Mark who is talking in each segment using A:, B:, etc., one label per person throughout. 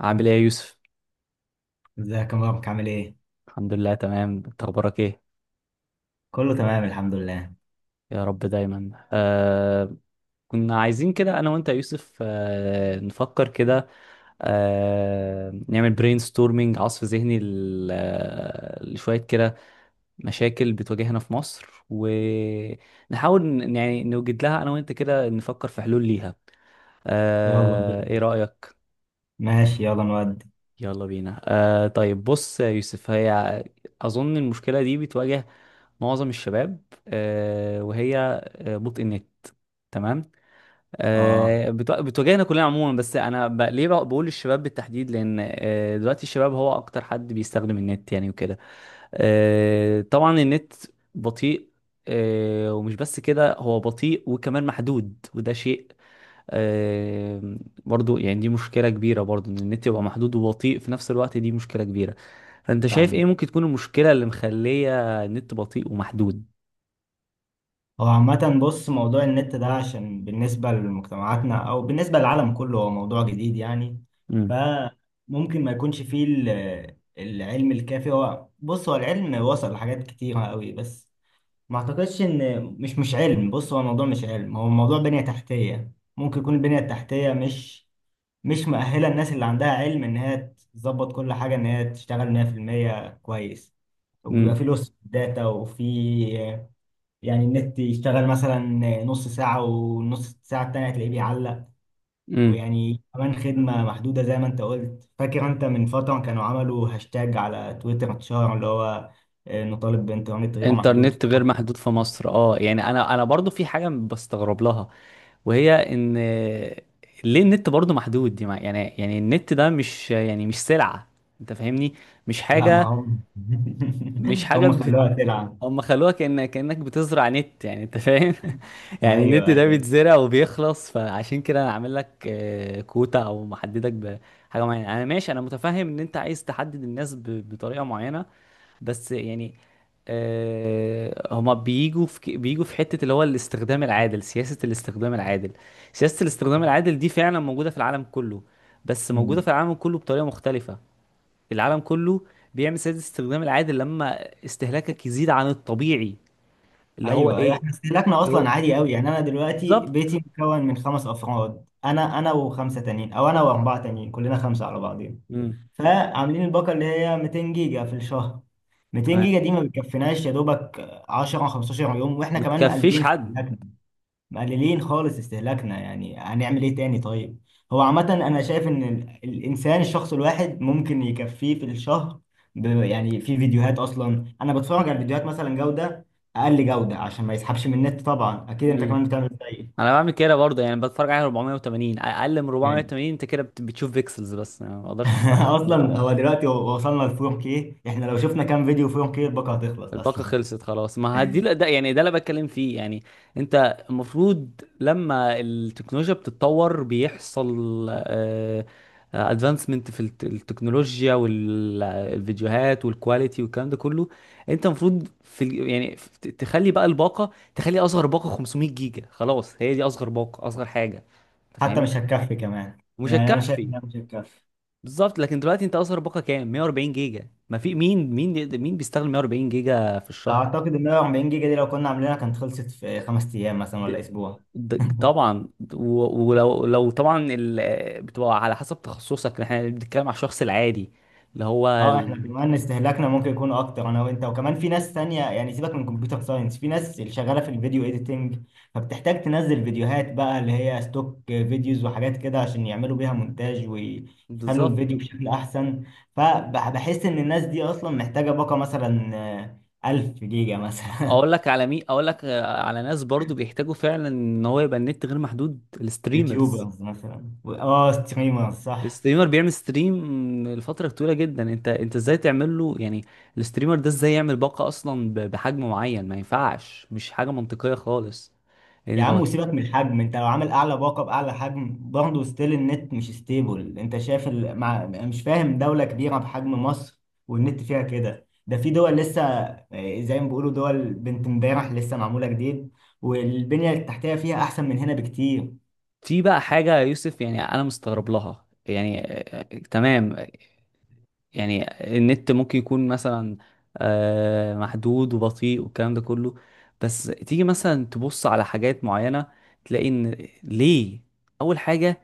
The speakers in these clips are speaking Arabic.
A: عامل ايه يا يوسف؟
B: ازيك يا مبارك، عامل ايه؟
A: الحمد لله، تمام. انت اخبارك ايه؟
B: كله تمام، الحمد لله.
A: يا رب دايما. كنا عايزين كده انا وانت يا يوسف، نفكر كده. نعمل برين ستورمينج، عصف ذهني لشوية كده مشاكل بتواجهنا في مصر، ونحاول يعني نوجد لها انا وانت، كده نفكر في حلول ليها.
B: يلا بينا.
A: ايه رأيك؟
B: ماشي، يلا نودي.
A: يلا بينا. طيب بص يا يوسف، هي اظن المشكلة دي بتواجه معظم الشباب، وهي بطء النت. تمام.
B: اه،
A: بتواجهنا كلنا عموما، بس انا ليه بقول الشباب بالتحديد؟ لان دلوقتي الشباب هو اكتر حد بيستخدم النت يعني وكده. طبعا النت بطيء، ومش بس كده، هو بطيء وكمان محدود. وده شيء آه، برضو، يعني دي مشكلة كبيرة، برضو ان النت يبقى محدود وبطيء في نفس الوقت، دي مشكلة كبيرة. فانت شايف ايه
B: فاهم.
A: ممكن تكون المشكلة اللي مخلية النت بطيء ومحدود؟
B: هو عامة بص، موضوع النت ده عشان بالنسبة لمجتمعاتنا أو بالنسبة للعالم كله هو موضوع جديد يعني. فممكن ما يكونش فيه العلم الكافي. هو بص، هو العلم وصل لحاجات كتيرة قوي، بس ما أعتقدش إن مش علم. بص، هو الموضوع مش علم، هو الموضوع بنية تحتية. ممكن يكون البنية التحتية مش مؤهله الناس اللي عندها علم ان هي تظبط كل حاجه، ان هي تشتغل 100% كويس. وبيبقى
A: امم.
B: في لوس داتا وفي، يعني النت يشتغل مثلا نص ساعه، والنص ساعه التانيه هتلاقيه بيعلق.
A: امم.
B: ويعني كمان خدمه محدوده، زي ما انت قلت. فاكر انت من فتره كانوا عملوا هاشتاج على تويتر اتشهر، اللي هو نطالب بانترنت غير محدود.
A: انترنت غير محدود في مصر. اه، يعني انا برضو في حاجه بستغرب لها، وهي ان ليه النت برضو محدود؟ دي يعني النت ده مش، يعني مش سلعه، انت فاهمني؟ مش
B: لا، ما
A: حاجه،
B: هم
A: مش حاجه
B: هم خلوها تلعب.
A: هم خلوها كأنك بتزرع نت يعني، انت فاهم؟ يعني النت
B: ايوه،
A: ده
B: ايوه،
A: بيتزرع وبيخلص، فعشان كده انا عامل لك كوتا او محددك بحاجه معينه. انا ماشي، انا متفهم ان انت عايز تحدد الناس بطريقه معينه. بس يعني هما بيجوا في حتة اللي هو الاستخدام العادل، سياسة الاستخدام العادل. سياسة الاستخدام العادل دي فعلا موجودة في العالم كله، بس موجودة في العالم كله بطريقة مختلفة. العالم كله بيعمل سياسة الاستخدام العادل لما استهلاكك يزيد عن الطبيعي، اللي هو
B: ايوه، ايوه،
A: ايه؟
B: احنا استهلاكنا
A: اللي هو
B: اصلا عالي قوي. يعني انا دلوقتي بيتي
A: بالظبط.
B: مكون من خمس افراد، انا وخمسه تانيين، او انا واربعه تانيين، كلنا خمسه على بعضين.
A: امم.
B: فعاملين الباقه اللي هي 200 جيجا في الشهر. 200
A: تمام.
B: جيجا دي ما بتكفيناش يا دوبك 10 15 يوم، واحنا كمان
A: متكفيش
B: مقللين
A: حد.
B: استهلاكنا، مقللين خالص استهلاكنا. يعني هنعمل ايه تاني؟ طيب، هو عامة انا شايف ان الانسان، الشخص الواحد ممكن يكفيه في الشهر يعني في فيديوهات. اصلا انا بتفرج على الفيديوهات مثلا جودة، اقل جودة، عشان ما يسحبش من النت. طبعا اكيد انت
A: امم.
B: كمان بتعمل زيي
A: انا بعمل كده برضه، يعني بتفرج على 480، اقل من
B: يعني.
A: 480. انت كده بتشوف بيكسلز بس يعني، ما اقدرش اشوف أقل من
B: اصلا
A: 480.
B: هو دلوقتي وصلنا ل 4K. احنا لو شفنا كام فيديو 4K، الباقة هتخلص
A: الباقة
B: اصلا.
A: خلصت خلاص، ما هدي ده يعني، ده اللي بتكلم فيه يعني. انت المفروض لما التكنولوجيا بتتطور، بيحصل ادفانسمنت في التكنولوجيا والفيديوهات والكواليتي والكلام ده كله. انت المفروض في تخلي بقى الباقة، تخلي اصغر باقة 500 جيجا خلاص، هي دي اصغر باقة، اصغر حاجة. انت
B: حتى
A: فاهمني؟
B: مش هتكفي كمان،
A: مش
B: يعني انا شايف
A: هتكفي.
B: انها مش هتكفي.
A: بالظبط. لكن دلوقتي انت اصغر باقة كام؟ 140 جيجا. ما في مين، مين بيستخدم 140 جيجا في الشهر؟
B: اعتقد ان 40 جيجا دي لو كنا عاملينها كانت خلصت في خمس ايام مثلا ولا
A: د-
B: اسبوع.
A: طبعا، و- ولو لو طبعا، بتبقى على حسب تخصصك. احنا بنتكلم على الشخص العادي، اللي هو
B: اه، احنا
A: ال-
B: كمان استهلاكنا ممكن يكون اكتر، انا وانت، وكمان في ناس تانية. يعني سيبك من كمبيوتر ساينس، في ناس اللي شغالة في الفيديو ايديتنج، فبتحتاج تنزل فيديوهات بقى اللي هي ستوك فيديوز وحاجات كده، عشان يعملوا بيها مونتاج ويخلوا
A: بالظبط.
B: الفيديو بشكل احسن. فبحس ان الناس دي اصلا محتاجة باقة مثلا 1000 جيجا مثلا.
A: اقول لك على مين، اقول لك على ناس برضو بيحتاجوا فعلا ان هو يبقى النت غير محدود: الستريمرز.
B: يوتيوبرز مثلا، ستريمرز، صح.
A: الستريمر بيعمل ستريم لفترة طويلة جدا، انت ازاي تعمل له يعني؟ الستريمر ده ازاي يعمل باقة اصلا بحجم معين؟ ما ينفعش، مش حاجة منطقية خالص،
B: يا
A: يعني
B: عم،
A: هو.
B: وسيبك من الحجم. انت لو عامل اعلى باقه باعلى حجم برضه ستيل النت مش ستيبل. انت شايف مش فاهم، دوله كبيره بحجم مصر والنت فيها كده؟ ده في دول لسه، اه، زي ما بيقولوا دول بنت امبارح لسه، معموله جديد، والبنيه التحتيه فيها احسن من هنا بكتير.
A: في بقى حاجة يا يوسف يعني أنا مستغرب لها يعني آه، تمام. يعني النت ممكن يكون مثلا محدود وبطيء والكلام ده كله، بس تيجي مثلا تبص على حاجات معينة، تلاقي إن ليه. أول حاجة،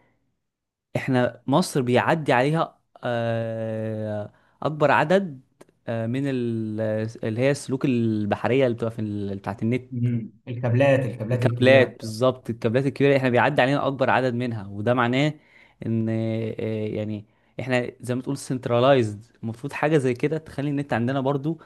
A: إحنا مصر بيعدي عليها أكبر عدد من اللي هي السلوك البحرية اللي بتبقى في بتاعت النت.
B: مم. الكابلات الكبيره.
A: الكابلات، بالظبط، الكابلات الكبيره، احنا بيعدي علينا اكبر عدد منها، وده معناه ان يعني احنا زي ما تقول سنترلايزد، المفروض حاجه زي كده تخلي النت عندنا برضو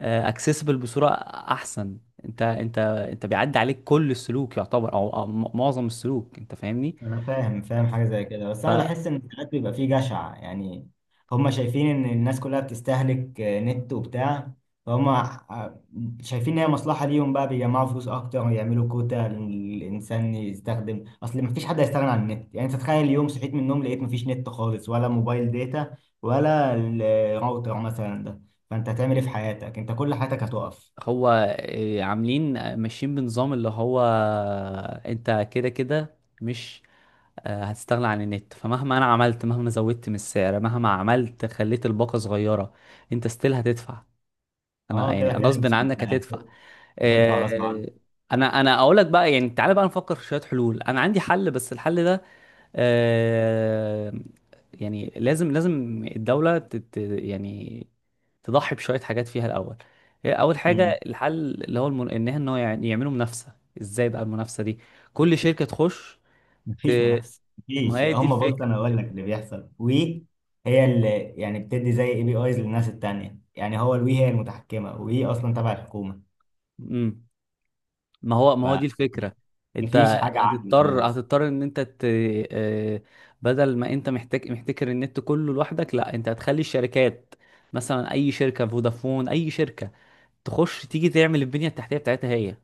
A: اكسسبل بصوره احسن. انت بيعدي عليك كل السلوك يعتبر، معظم السلوك، انت فاهمني؟
B: انا فاهم حاجه زي كده، بس انا بحس ان ساعات بيبقى فيه جشع يعني. هم شايفين ان الناس كلها بتستهلك نت وبتاع. فهم شايفين ان هي مصلحه ليهم بقى، بيجمعوا فلوس اكتر ويعملوا كوتا. الانسان يستخدم، اصل مفيش حد هيستغنى عن النت. يعني انت تخيل اليوم صحيت من النوم لقيت مفيش نت خالص، ولا موبايل داتا، ولا الراوتر مثلا ده، فانت هتعمل ايه في حياتك؟ انت كل حياتك هتقف.
A: هو عاملين ماشيين بنظام اللي هو انت كده كده مش هتستغنى عن النت، فمهما انا عملت، مهما زودت من السعر، مهما عملت خليت الباقة صغيرة، انت ستيل هتدفع، انا
B: اه،
A: يعني
B: كده كده،
A: غصب
B: مش
A: عنك
B: انتهى.
A: هتدفع.
B: هتدفع غصب
A: آه، انا اقول لك بقى يعني، تعالى بقى نفكر في شوية حلول. انا عندي حل، بس الحل ده آه، يعني لازم الدولة تت، يعني تضحي بشوية حاجات فيها الأول. هي أول حاجة
B: عنك.
A: الحل، اللي هو إن يعني يعملوا منافسة. إزاي بقى المنافسة دي؟ كل شركة تخش
B: مفيش
A: ت-
B: منافسه.
A: ما
B: مفيش.
A: هي دي
B: هم بص،
A: الفكرة.
B: انا اقول لك اللي بيحصل، وي هي اللي يعني بتدي زي اي بي ايز للناس التانية. يعني هو
A: مم.
B: الوي هي المتحكمه، وي اصلا تبع الحكومه،
A: امم. ما هو دي الفكرة.
B: فمفيش
A: انت
B: حاجه عادله خالص.
A: هتضطر ان انت آه، بدل ما انت محتاج محتكر النت كله لوحدك، لا، انت هتخلي الشركات مثلا، اي شركة، فودافون، اي شركة، تخش تيجي تعمل البنية التحتية بتاعتها هي،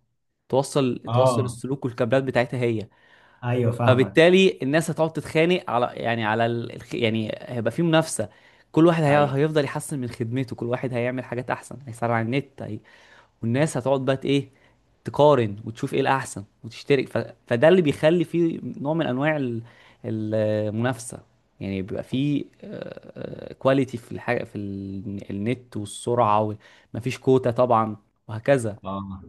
A: توصل،
B: اه.
A: السلوك والكابلات بتاعتها هي.
B: ايوه، فاهمك.
A: فبالتالي الناس هتقعد تتخانق على، يعني على يعني هيبقى في منافسة. كل واحد
B: ايوه.
A: هيفضل يحسن من خدمته، كل واحد هيعمل حاجات احسن، هيسرع النت، والناس هتقعد بقى ايه، تقارن وتشوف ايه الاحسن، وتشترك فده اللي بيخلي فيه نوع من انواع المنافسه يعني، بيبقى فيه كواليتي في الحاجه، في النت والسرعه مفيش كوتا طبعا، وهكذا.
B: اه،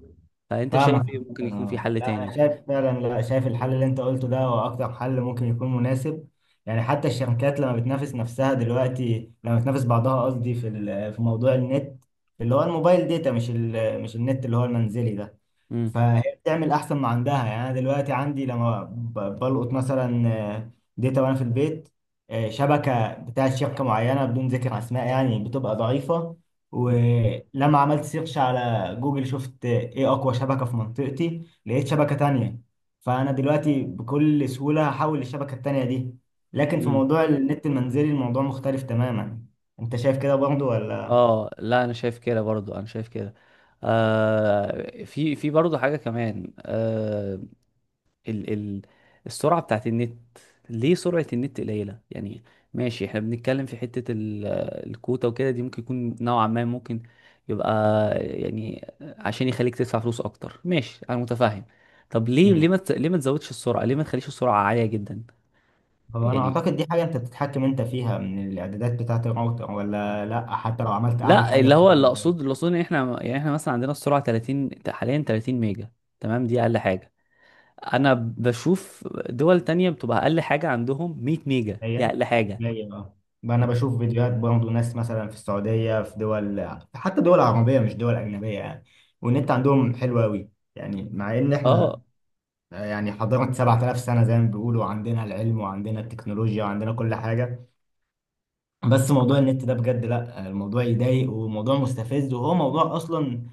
A: فانت شايف
B: فاهمك
A: ايه
B: عامة.
A: ممكن يكون في
B: اه،
A: حل
B: لا،
A: تاني؟
B: انا شايف فعلا، لا، شايف الحل اللي انت قلته ده هو اكتر حل ممكن يكون مناسب. يعني حتى الشركات لما بتنافس نفسها دلوقتي، لما بتنافس بعضها قصدي، في في موضوع النت اللي هو الموبايل داتا، مش النت اللي هو المنزلي ده.
A: امم.
B: فهي بتعمل احسن ما عندها. يعني انا دلوقتي عندي، لما بلقط مثلا داتا وانا في البيت شبكه بتاعت شركه معينه بدون ذكر اسماء، يعني بتبقى ضعيفه. ولما عملت سيرش على جوجل، شفت ايه اقوى شبكه في منطقتي، لقيت شبكه تانية. فانا دلوقتي بكل سهوله هحول للشبكه التانية دي. لكن في
A: امم.
B: موضوع النت المنزلي الموضوع مختلف تماما. انت شايف كده برضه ولا؟
A: اه لا، انا شايف كده برضو، انا شايف كده. آه، في برضو حاجه كمان، آه، ال ال السرعة بتاعت النت. ليه سرعة النت قليلة يعني؟ ماشي، احنا بنتكلم في حتة الكوتا وكده، دي ممكن يكون نوعا ما ممكن يبقى، يعني عشان يخليك تدفع فلوس اكتر، ماشي، انا متفاهم. طب ليه، ليه
B: مم.
A: ما تز- ليه ما تزودش السرعة؟ ليه ما تخليش السرعة عالية جدا
B: هو انا
A: يعني؟
B: اعتقد دي حاجه انت بتتحكم انت فيها من الاعدادات بتاعه الراوتر، ولا لا. حتى لو عملت اعلى
A: لا
B: حاجه
A: اللي هو،
B: بتفضل
A: اللي اقصد ان احنا، يعني احنا مثلا عندنا السرعة 30 حاليا، 30 ميجا، تمام، دي اقل حاجة. انا بشوف دول تانية بتبقى اقل حاجة عندهم 100 ميجا، دي
B: هي
A: اقل حاجة.
B: هي. اه، بقى انا بشوف فيديوهات برضه ناس مثلا في السعوديه، في دول حتى دول عربيه مش دول اجنبيه يعني، والنت عندهم حلو قوي. يعني مع ان
A: اه.
B: احنا، يعني حضاره 7000 سنه زي ما بيقولوا، عندنا العلم وعندنا التكنولوجيا وعندنا كل حاجه، بس موضوع النت ده بجد لا، الموضوع يضايق وموضوع مستفز. وهو موضوع اصلا،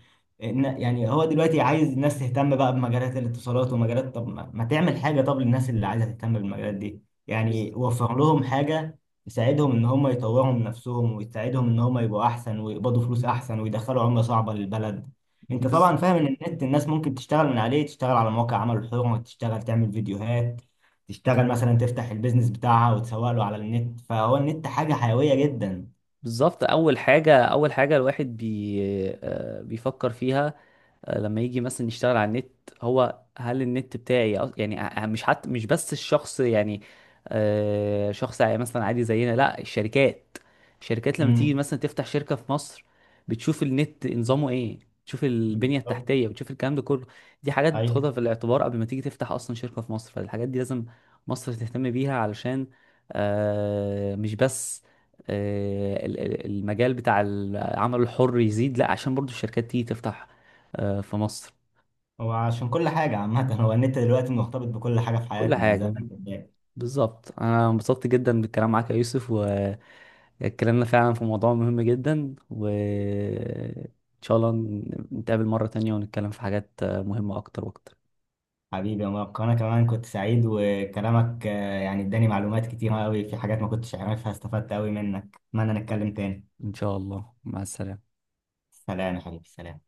B: يعني هو دلوقتي عايز الناس تهتم بقى بمجالات الاتصالات ومجالات. طب ما تعمل حاجة؟ طب للناس اللي عايزة تهتم بالمجالات دي يعني
A: بز...
B: وفر لهم حاجة تساعدهم ان هم يطوروا من نفسهم، وتساعدهم ان هم يبقوا احسن، ويقبضوا فلوس احسن، ويدخلوا عملة صعبة للبلد. انت
A: بز...
B: طبعا فاهم ان النت الناس ممكن تشتغل من عليه، تشتغل على مواقع عمل حر، تشتغل تعمل فيديوهات، تشتغل مثلا تفتح البيزنس بتاعها وتسوق له على النت. فهو النت حاجة حيوية جدا.
A: بالظبط. اول حاجه، الواحد بي... آه، بيفكر فيها لما يجي مثلا يشتغل على النت، هو هل النت بتاعي؟ يعني مش، حتى مش بس الشخص يعني شخص عادي، مثلا عادي زينا، لا، الشركات. الشركات لما تيجي
B: امم،
A: مثلا تفتح شركة في مصر، بتشوف النت نظامه ايه، بتشوف البنية
B: بالظبط،
A: التحتية، بتشوف الكلام ده كله. دي حاجات
B: ايوه.
A: تاخدها في الاعتبار قبل ما تيجي تفتح اصلا شركة في مصر، فالحاجات دي لازم مصر تهتم بيها علشان مش بس المجال بتاع العمل الحر يزيد، لا، عشان برضو الشركات تيجي تفتح في مصر.
B: هو عشان كل حاجة عامة. هو النت دلوقتي مرتبط بكل حاجة في
A: كل
B: حياتنا زي
A: حاجة.
B: ما انت شايف.
A: بالظبط، انا انبسطت جدا بالكلام معاك يا يوسف، واتكلمنا فعلا في موضوع مهم جدا، وان شاء الله نتقابل مرة تانية ونتكلم في حاجات مهمة اكتر واكتر.
B: حبيبي يا مبارك، انا كمان كنت سعيد، وكلامك يعني اداني معلومات كتيرة قوي في حاجات ما كنتش اعرفها، استفدت قوي منك. اتمنى نتكلم تاني.
A: ان شاء الله، مع السلامة.
B: سلام يا حبيبي، سلام.